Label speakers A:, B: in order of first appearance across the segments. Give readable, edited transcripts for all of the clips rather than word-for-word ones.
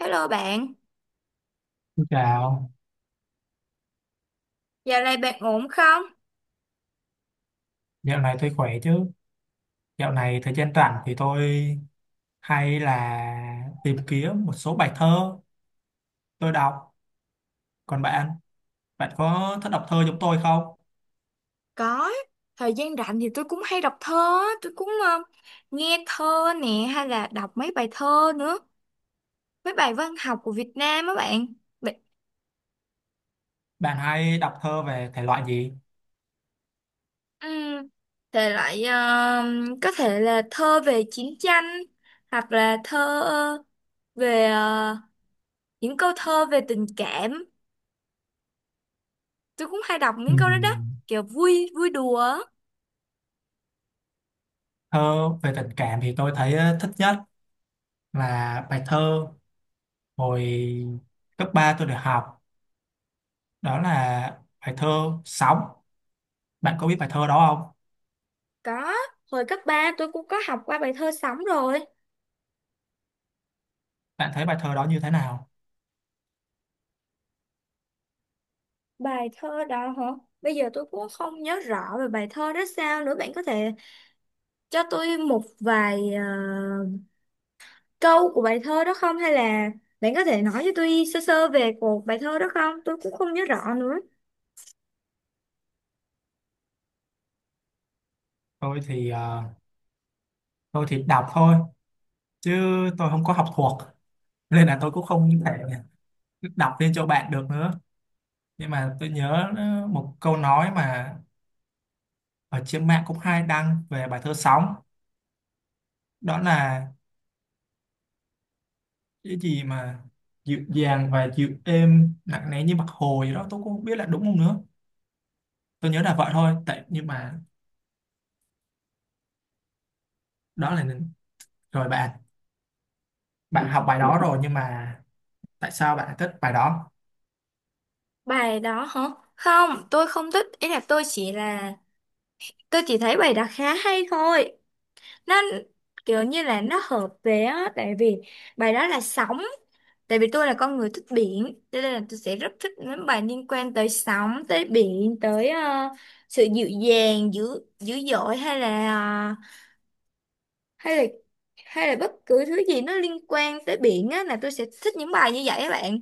A: Hello bạn,
B: Xin chào.
A: dạo này bạn ổn không?
B: Dạo này tôi khỏe chứ? Dạo này thời gian rảnh thì tôi hay là tìm kiếm một số bài thơ tôi đọc. Còn bạn, bạn có thích đọc thơ giống tôi không?
A: Có, thời gian rảnh thì tôi cũng hay đọc thơ, á, tôi cũng nghe thơ nè hay là đọc mấy bài thơ nữa, mấy bài văn học của Việt Nam á bạn. Bạn
B: Bạn hay đọc thơ về thể loại gì?
A: um, thể loại có thể là thơ về chiến tranh hoặc là thơ về những câu thơ về tình cảm. Tôi cũng hay đọc những câu đó đó,
B: Ừm.
A: kiểu vui vui đùa á.
B: Thơ về tình cảm thì tôi thấy thích nhất là bài thơ hồi cấp 3 tôi được học. Đó là bài thơ Sóng. Bạn có biết bài thơ đó không?
A: Có, hồi cấp 3 tôi cũng có học qua bài thơ sống rồi.
B: Bạn thấy bài thơ đó như thế nào?
A: Bài thơ đó hả? Bây giờ tôi cũng không nhớ rõ về bài thơ đó sao nữa. Bạn có thể cho tôi một vài câu của bài thơ đó không? Hay là bạn có thể nói cho tôi sơ sơ về cuộc bài thơ đó không? Tôi cũng không nhớ rõ nữa.
B: Tôi thì ờ, tôi thì đọc thôi chứ tôi không có học thuộc, nên là tôi cũng không thể đọc lên cho bạn được nữa, nhưng mà tôi nhớ một câu nói mà ở trên mạng cũng hay đăng về bài thơ Sóng. Đó là cái gì mà dịu dàng và dịu êm, nặng nề như mặt hồ gì đó, tôi cũng không biết là đúng không nữa. Tôi nhớ là vậy thôi. Tại nhưng mà đó là, rồi bạn bạn học bài đó rồi, nhưng mà tại sao bạn lại thích bài đó?
A: Bài đó hả? Không, tôi không thích. Ý là... Tôi chỉ thấy bài đó khá hay thôi. Nó kiểu như là nó hợp về á, tại vì bài đó là sóng, tại vì tôi là con người thích biển, cho nên là tôi sẽ rất thích những bài liên quan tới sóng, tới biển, tới sự dịu dàng dữ dữ dội, hay là hay là hay là bất cứ thứ gì nó liên quan tới biển á là tôi sẽ thích những bài như vậy các bạn.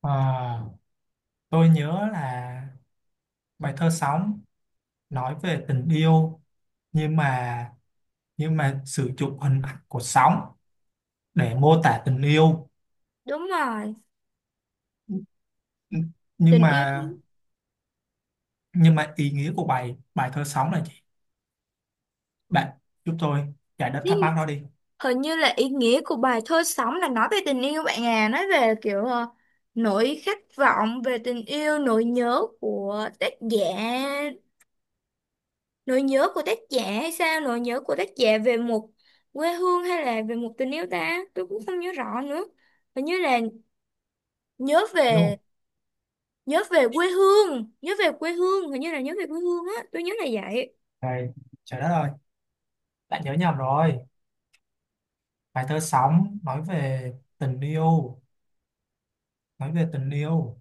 B: Ờ, tôi nhớ là bài thơ Sóng nói về tình yêu, nhưng mà nhưng mà sử dụng hình ảnh của sóng để mô tả tình yêu.
A: Đúng rồi,
B: nhưng
A: tình yêu.
B: mà nhưng mà ý nghĩa của bài bài thơ Sóng là gì? Bạn giúp tôi giải đáp
A: Lý,
B: thắc mắc đó đi.
A: hình như là ý nghĩa của bài thơ sống là nói về tình yêu bạn à, nói về kiểu nỗi khát vọng về tình yêu, nỗi nhớ của tác giả hay sao, nỗi nhớ của tác giả về một quê hương hay là về một tình yêu ta, tôi cũng không nhớ rõ nữa. Hình như là nhớ về,
B: Yêu
A: nhớ về quê hương, hình như là nhớ về quê hương á, tôi nhớ là vậy.
B: này, trời đất ơi, bạn nhớ nhầm rồi! Bài thơ Sóng nói về tình yêu, nói về tình yêu,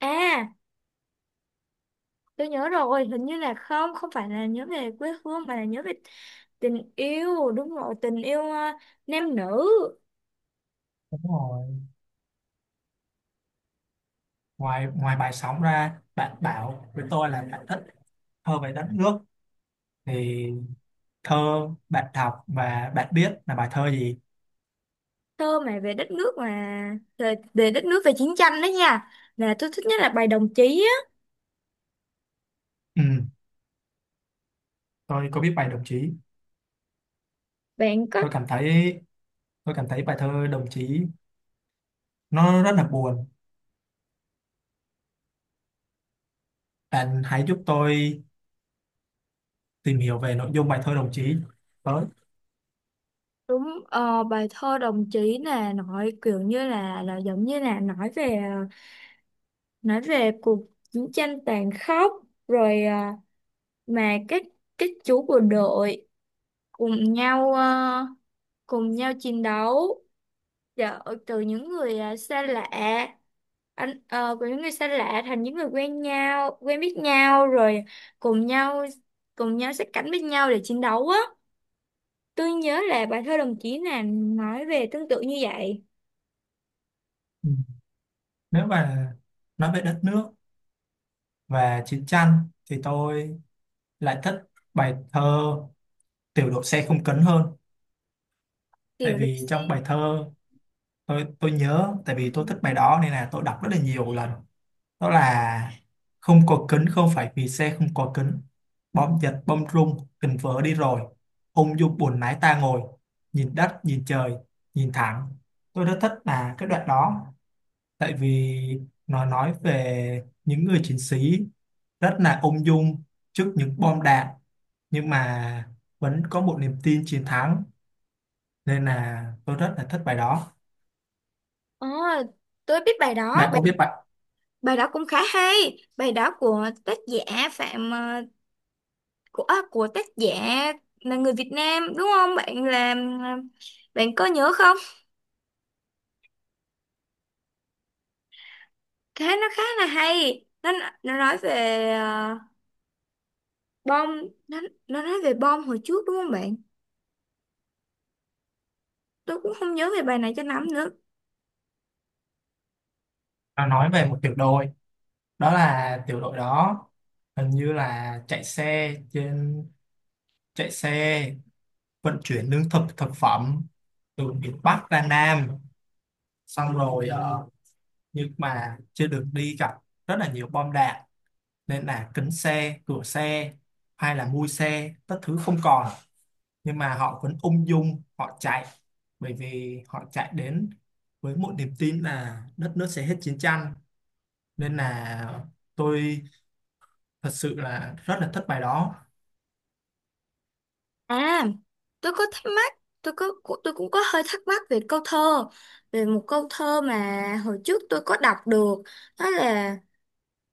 A: À, tôi nhớ rồi, hình như là không, không phải là nhớ về quê hương mà là nhớ về tình yêu. Đúng rồi, tình yêu nam nữ.
B: đúng rồi. Ngoài ngoài bài Sóng ra, bạn bảo với tôi là bạn thích thơ về đất nước, thì thơ bạn đọc và bạn biết là bài thơ gì?
A: Thơ mà về đất nước mà về đất nước, về chiến tranh đó nha, là tôi thích nhất là bài đồng chí á.
B: Ừ, tôi có biết bài Đồng Chí.
A: Bạn có
B: Tôi cảm thấy Tôi cảm thấy bài thơ Đồng Chí nó rất là buồn. Bạn hãy giúp tôi tìm hiểu về nội dung bài thơ Đồng Chí tới.
A: đúng bài thơ đồng chí là nói kiểu như là giống như là nói về nói về cuộc chiến tranh tàn khốc rồi, mà các chú bộ đội cùng nhau, cùng nhau chiến đấu. Dạ, từ những người xa lạ, của những người xa lạ thành những người quen nhau, quen biết nhau, rồi cùng nhau, sát cánh với nhau để chiến đấu á. Tôi nhớ là bài thơ đồng chí là nói về tương tự như vậy.
B: Ừ. Nếu mà nói về đất nước và chiến tranh thì tôi lại thích bài thơ Tiểu đội xe không cấn hơn. Tại
A: Kiểu được
B: vì
A: xem.
B: trong bài thơ tôi nhớ, tại
A: Ừ.
B: vì tôi thích bài đó nên là tôi đọc rất là nhiều lần. Đó là: không có kính không phải vì xe không có kính, bom giật bom rung tình vỡ đi rồi, ung dung buồn lái ta ngồi, nhìn đất nhìn trời nhìn thẳng. Tôi rất thích là cái đoạn đó, tại vì nó nói về những người chiến sĩ rất là ung dung trước những bom đạn, nhưng mà vẫn có một niềm tin chiến thắng, nên là tôi rất là thích bài đó.
A: Ờ, tôi biết bài đó,
B: Bạn có biết bạn.
A: bài đó cũng khá hay. Bài đó của tác giả Phạm của của tác giả là người Việt Nam đúng không? Bạn làm bạn có nhớ không? Cái nó khá là hay, nó nói về bom, nó nó nói về bom hồi trước đúng không bạn? Tôi cũng không nhớ về bài này cho lắm nữa.
B: Nó nói về một tiểu đội, đó là tiểu đội đó hình như là chạy xe vận chuyển lương thực thực phẩm từ miền Bắc ra Nam, xong rồi nhưng mà trên đường đi gặp rất là nhiều bom đạn, nên là kính xe, cửa xe hay là mui xe tất thứ không còn, nhưng mà họ vẫn ung dung họ chạy, bởi vì họ chạy đến với một niềm tin là đất nước sẽ hết chiến tranh, nên là tôi thật sự là rất là thích bài đó.
A: À, tôi có thắc mắc, tôi cũng có hơi thắc mắc về câu thơ, về một câu thơ mà hồi trước tôi có đọc được, đó là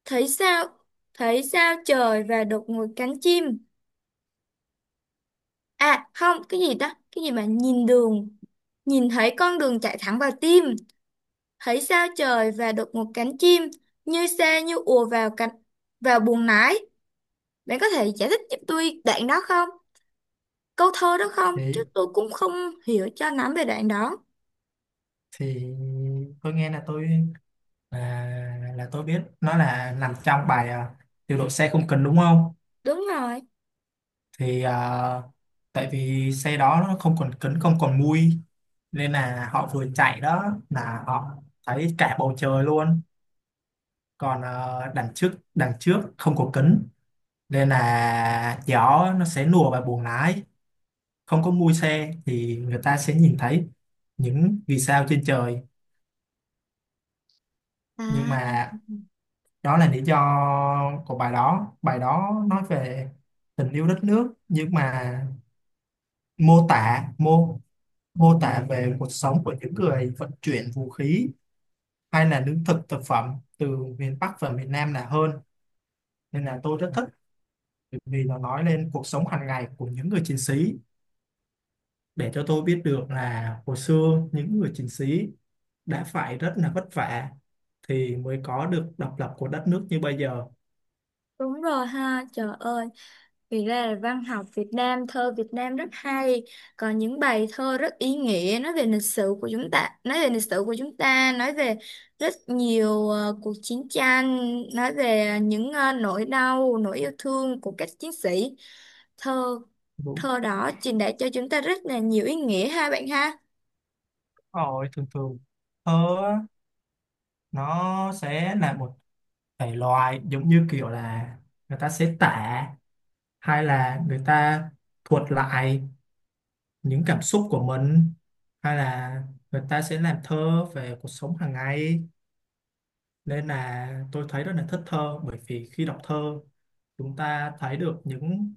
A: thấy sao thấy sao trời và đột ngột cánh chim, à không, cái gì đó, cái gì mà nhìn đường, nhìn thấy con đường chạy thẳng vào tim, thấy sao trời và được một cánh chim như xe như ùa vào vào buồng lái. Bạn có thể giải thích giúp tôi đoạn đó không, câu thơ đó không? Chứ
B: thì
A: tôi cũng không hiểu cho lắm về đoạn đó.
B: thì tôi nghe là tôi, là là tôi biết nó là nằm trong bài điều độ xe không cần, đúng không?
A: Đúng rồi.
B: Thì tại vì xe đó nó không còn kính không còn mui, nên là họ vừa chạy đó là họ thấy cả bầu trời luôn, còn đằng trước không có kính nên là gió nó sẽ lùa vào buồng lái, không có mui xe thì người ta sẽ nhìn thấy những vì sao trên trời. Nhưng
A: À,
B: mà đó là lý do của bài đó, bài đó nói về tình yêu đất nước, nhưng mà mô tả mô mô tả về cuộc sống của những người vận chuyển vũ khí hay là lương thực thực phẩm từ miền Bắc và miền Nam là hơn, nên là tôi rất thích, bởi vì nó nói lên cuộc sống hàng ngày của những người chiến sĩ, để cho tôi biết được là hồi xưa những người chiến sĩ đã phải rất là vất vả thì mới có được độc lập của đất nước như bây giờ.
A: đúng rồi, ha trời ơi. Thì ra là văn học Việt Nam, thơ Việt Nam rất hay, còn những bài thơ rất ý nghĩa nói về lịch sử của chúng ta, nói về lịch sử của chúng ta, nói về rất nhiều cuộc chiến tranh, nói về những nỗi đau, nỗi yêu thương của các chiến sĩ. Thơ
B: Đúng
A: thơ đó truyền đạt cho chúng ta rất là nhiều ý nghĩa ha bạn ha.
B: rồi. Thường thường ờ nó sẽ là một thể loại giống như kiểu là người ta sẽ tả, hay là người ta thuật lại những cảm xúc của mình, hay là người ta sẽ làm thơ về cuộc sống hàng ngày, nên là tôi thấy rất là thích thơ, bởi vì khi đọc thơ chúng ta thấy được những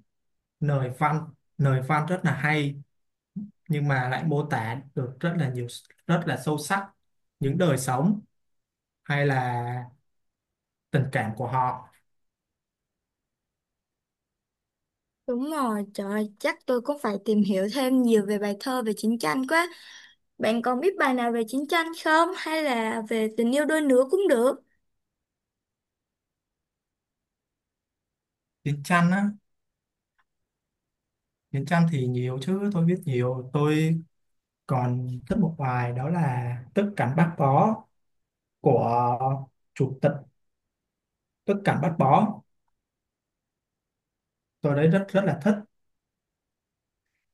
B: lời văn, lời văn rất là hay, nhưng mà lại mô tả được rất là nhiều, rất là sâu sắc những đời sống hay là tình cảm của họ.
A: Đúng rồi, trời ơi, chắc tôi cũng phải tìm hiểu thêm nhiều về bài thơ về chiến tranh quá. Bạn còn biết bài nào về chiến tranh không? Hay là về tình yêu đôi lứa cũng được.
B: Chiến tranh á? Miền Nam thì nhiều chứ, tôi biết nhiều, tôi còn thích một bài đó là Tức cảnh Bác Bó của chủ tịch. Tức cảnh Bác Bó tôi đấy rất rất là thích,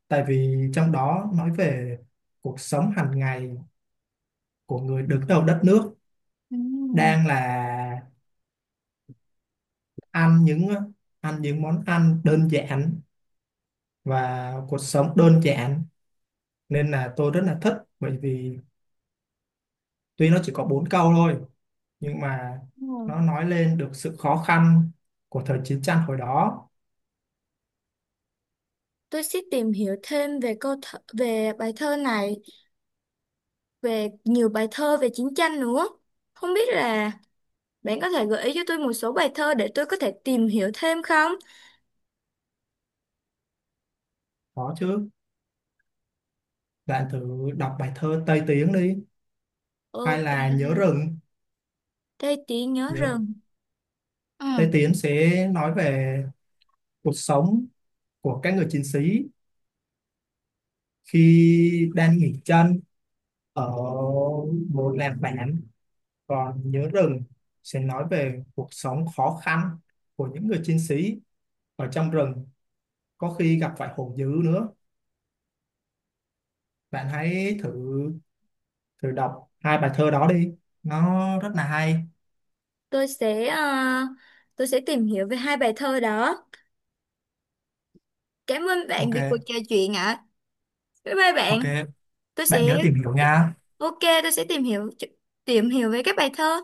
B: tại vì trong đó nói về cuộc sống hàng ngày của người đứng đầu đất nước,
A: Ừ,
B: đang là ăn những ăn những món ăn đơn giản và cuộc sống đơn giản, nên là tôi rất là thích, bởi vì tuy nó chỉ có bốn câu thôi nhưng mà
A: đúng rồi.
B: nó nói lên được sự khó khăn của thời chiến tranh hồi đó.
A: Tôi sẽ tìm hiểu thêm về câu thơ, về bài thơ này, về nhiều bài thơ về chiến tranh nữa. Không biết là bạn có thể gợi ý cho tôi một số bài thơ để tôi có thể tìm hiểu thêm không?
B: Có chứ, bạn thử đọc bài thơ Tây Tiến đi, hay
A: Ok,
B: là Nhớ Rừng.
A: đây tí nhớ
B: nhớ
A: rừng. Ừ,
B: Tây Tiến sẽ nói về cuộc sống của các người chiến sĩ khi đang nghỉ chân ở một làng bản, còn Nhớ Rừng sẽ nói về cuộc sống khó khăn của những người chiến sĩ ở trong rừng, có khi gặp phải hổ dữ nữa. Bạn hãy thử thử đọc hai bài thơ đó đi, nó rất là hay.
A: tôi sẽ tôi sẽ tìm hiểu về hai bài thơ đó. Cảm ơn bạn vì cuộc
B: Ok.
A: trò chuyện ạ. Bye bye
B: Ok,
A: bạn. Tôi sẽ
B: bạn nhớ tìm hiểu nha.
A: ok, tôi sẽ tìm hiểu về các bài thơ.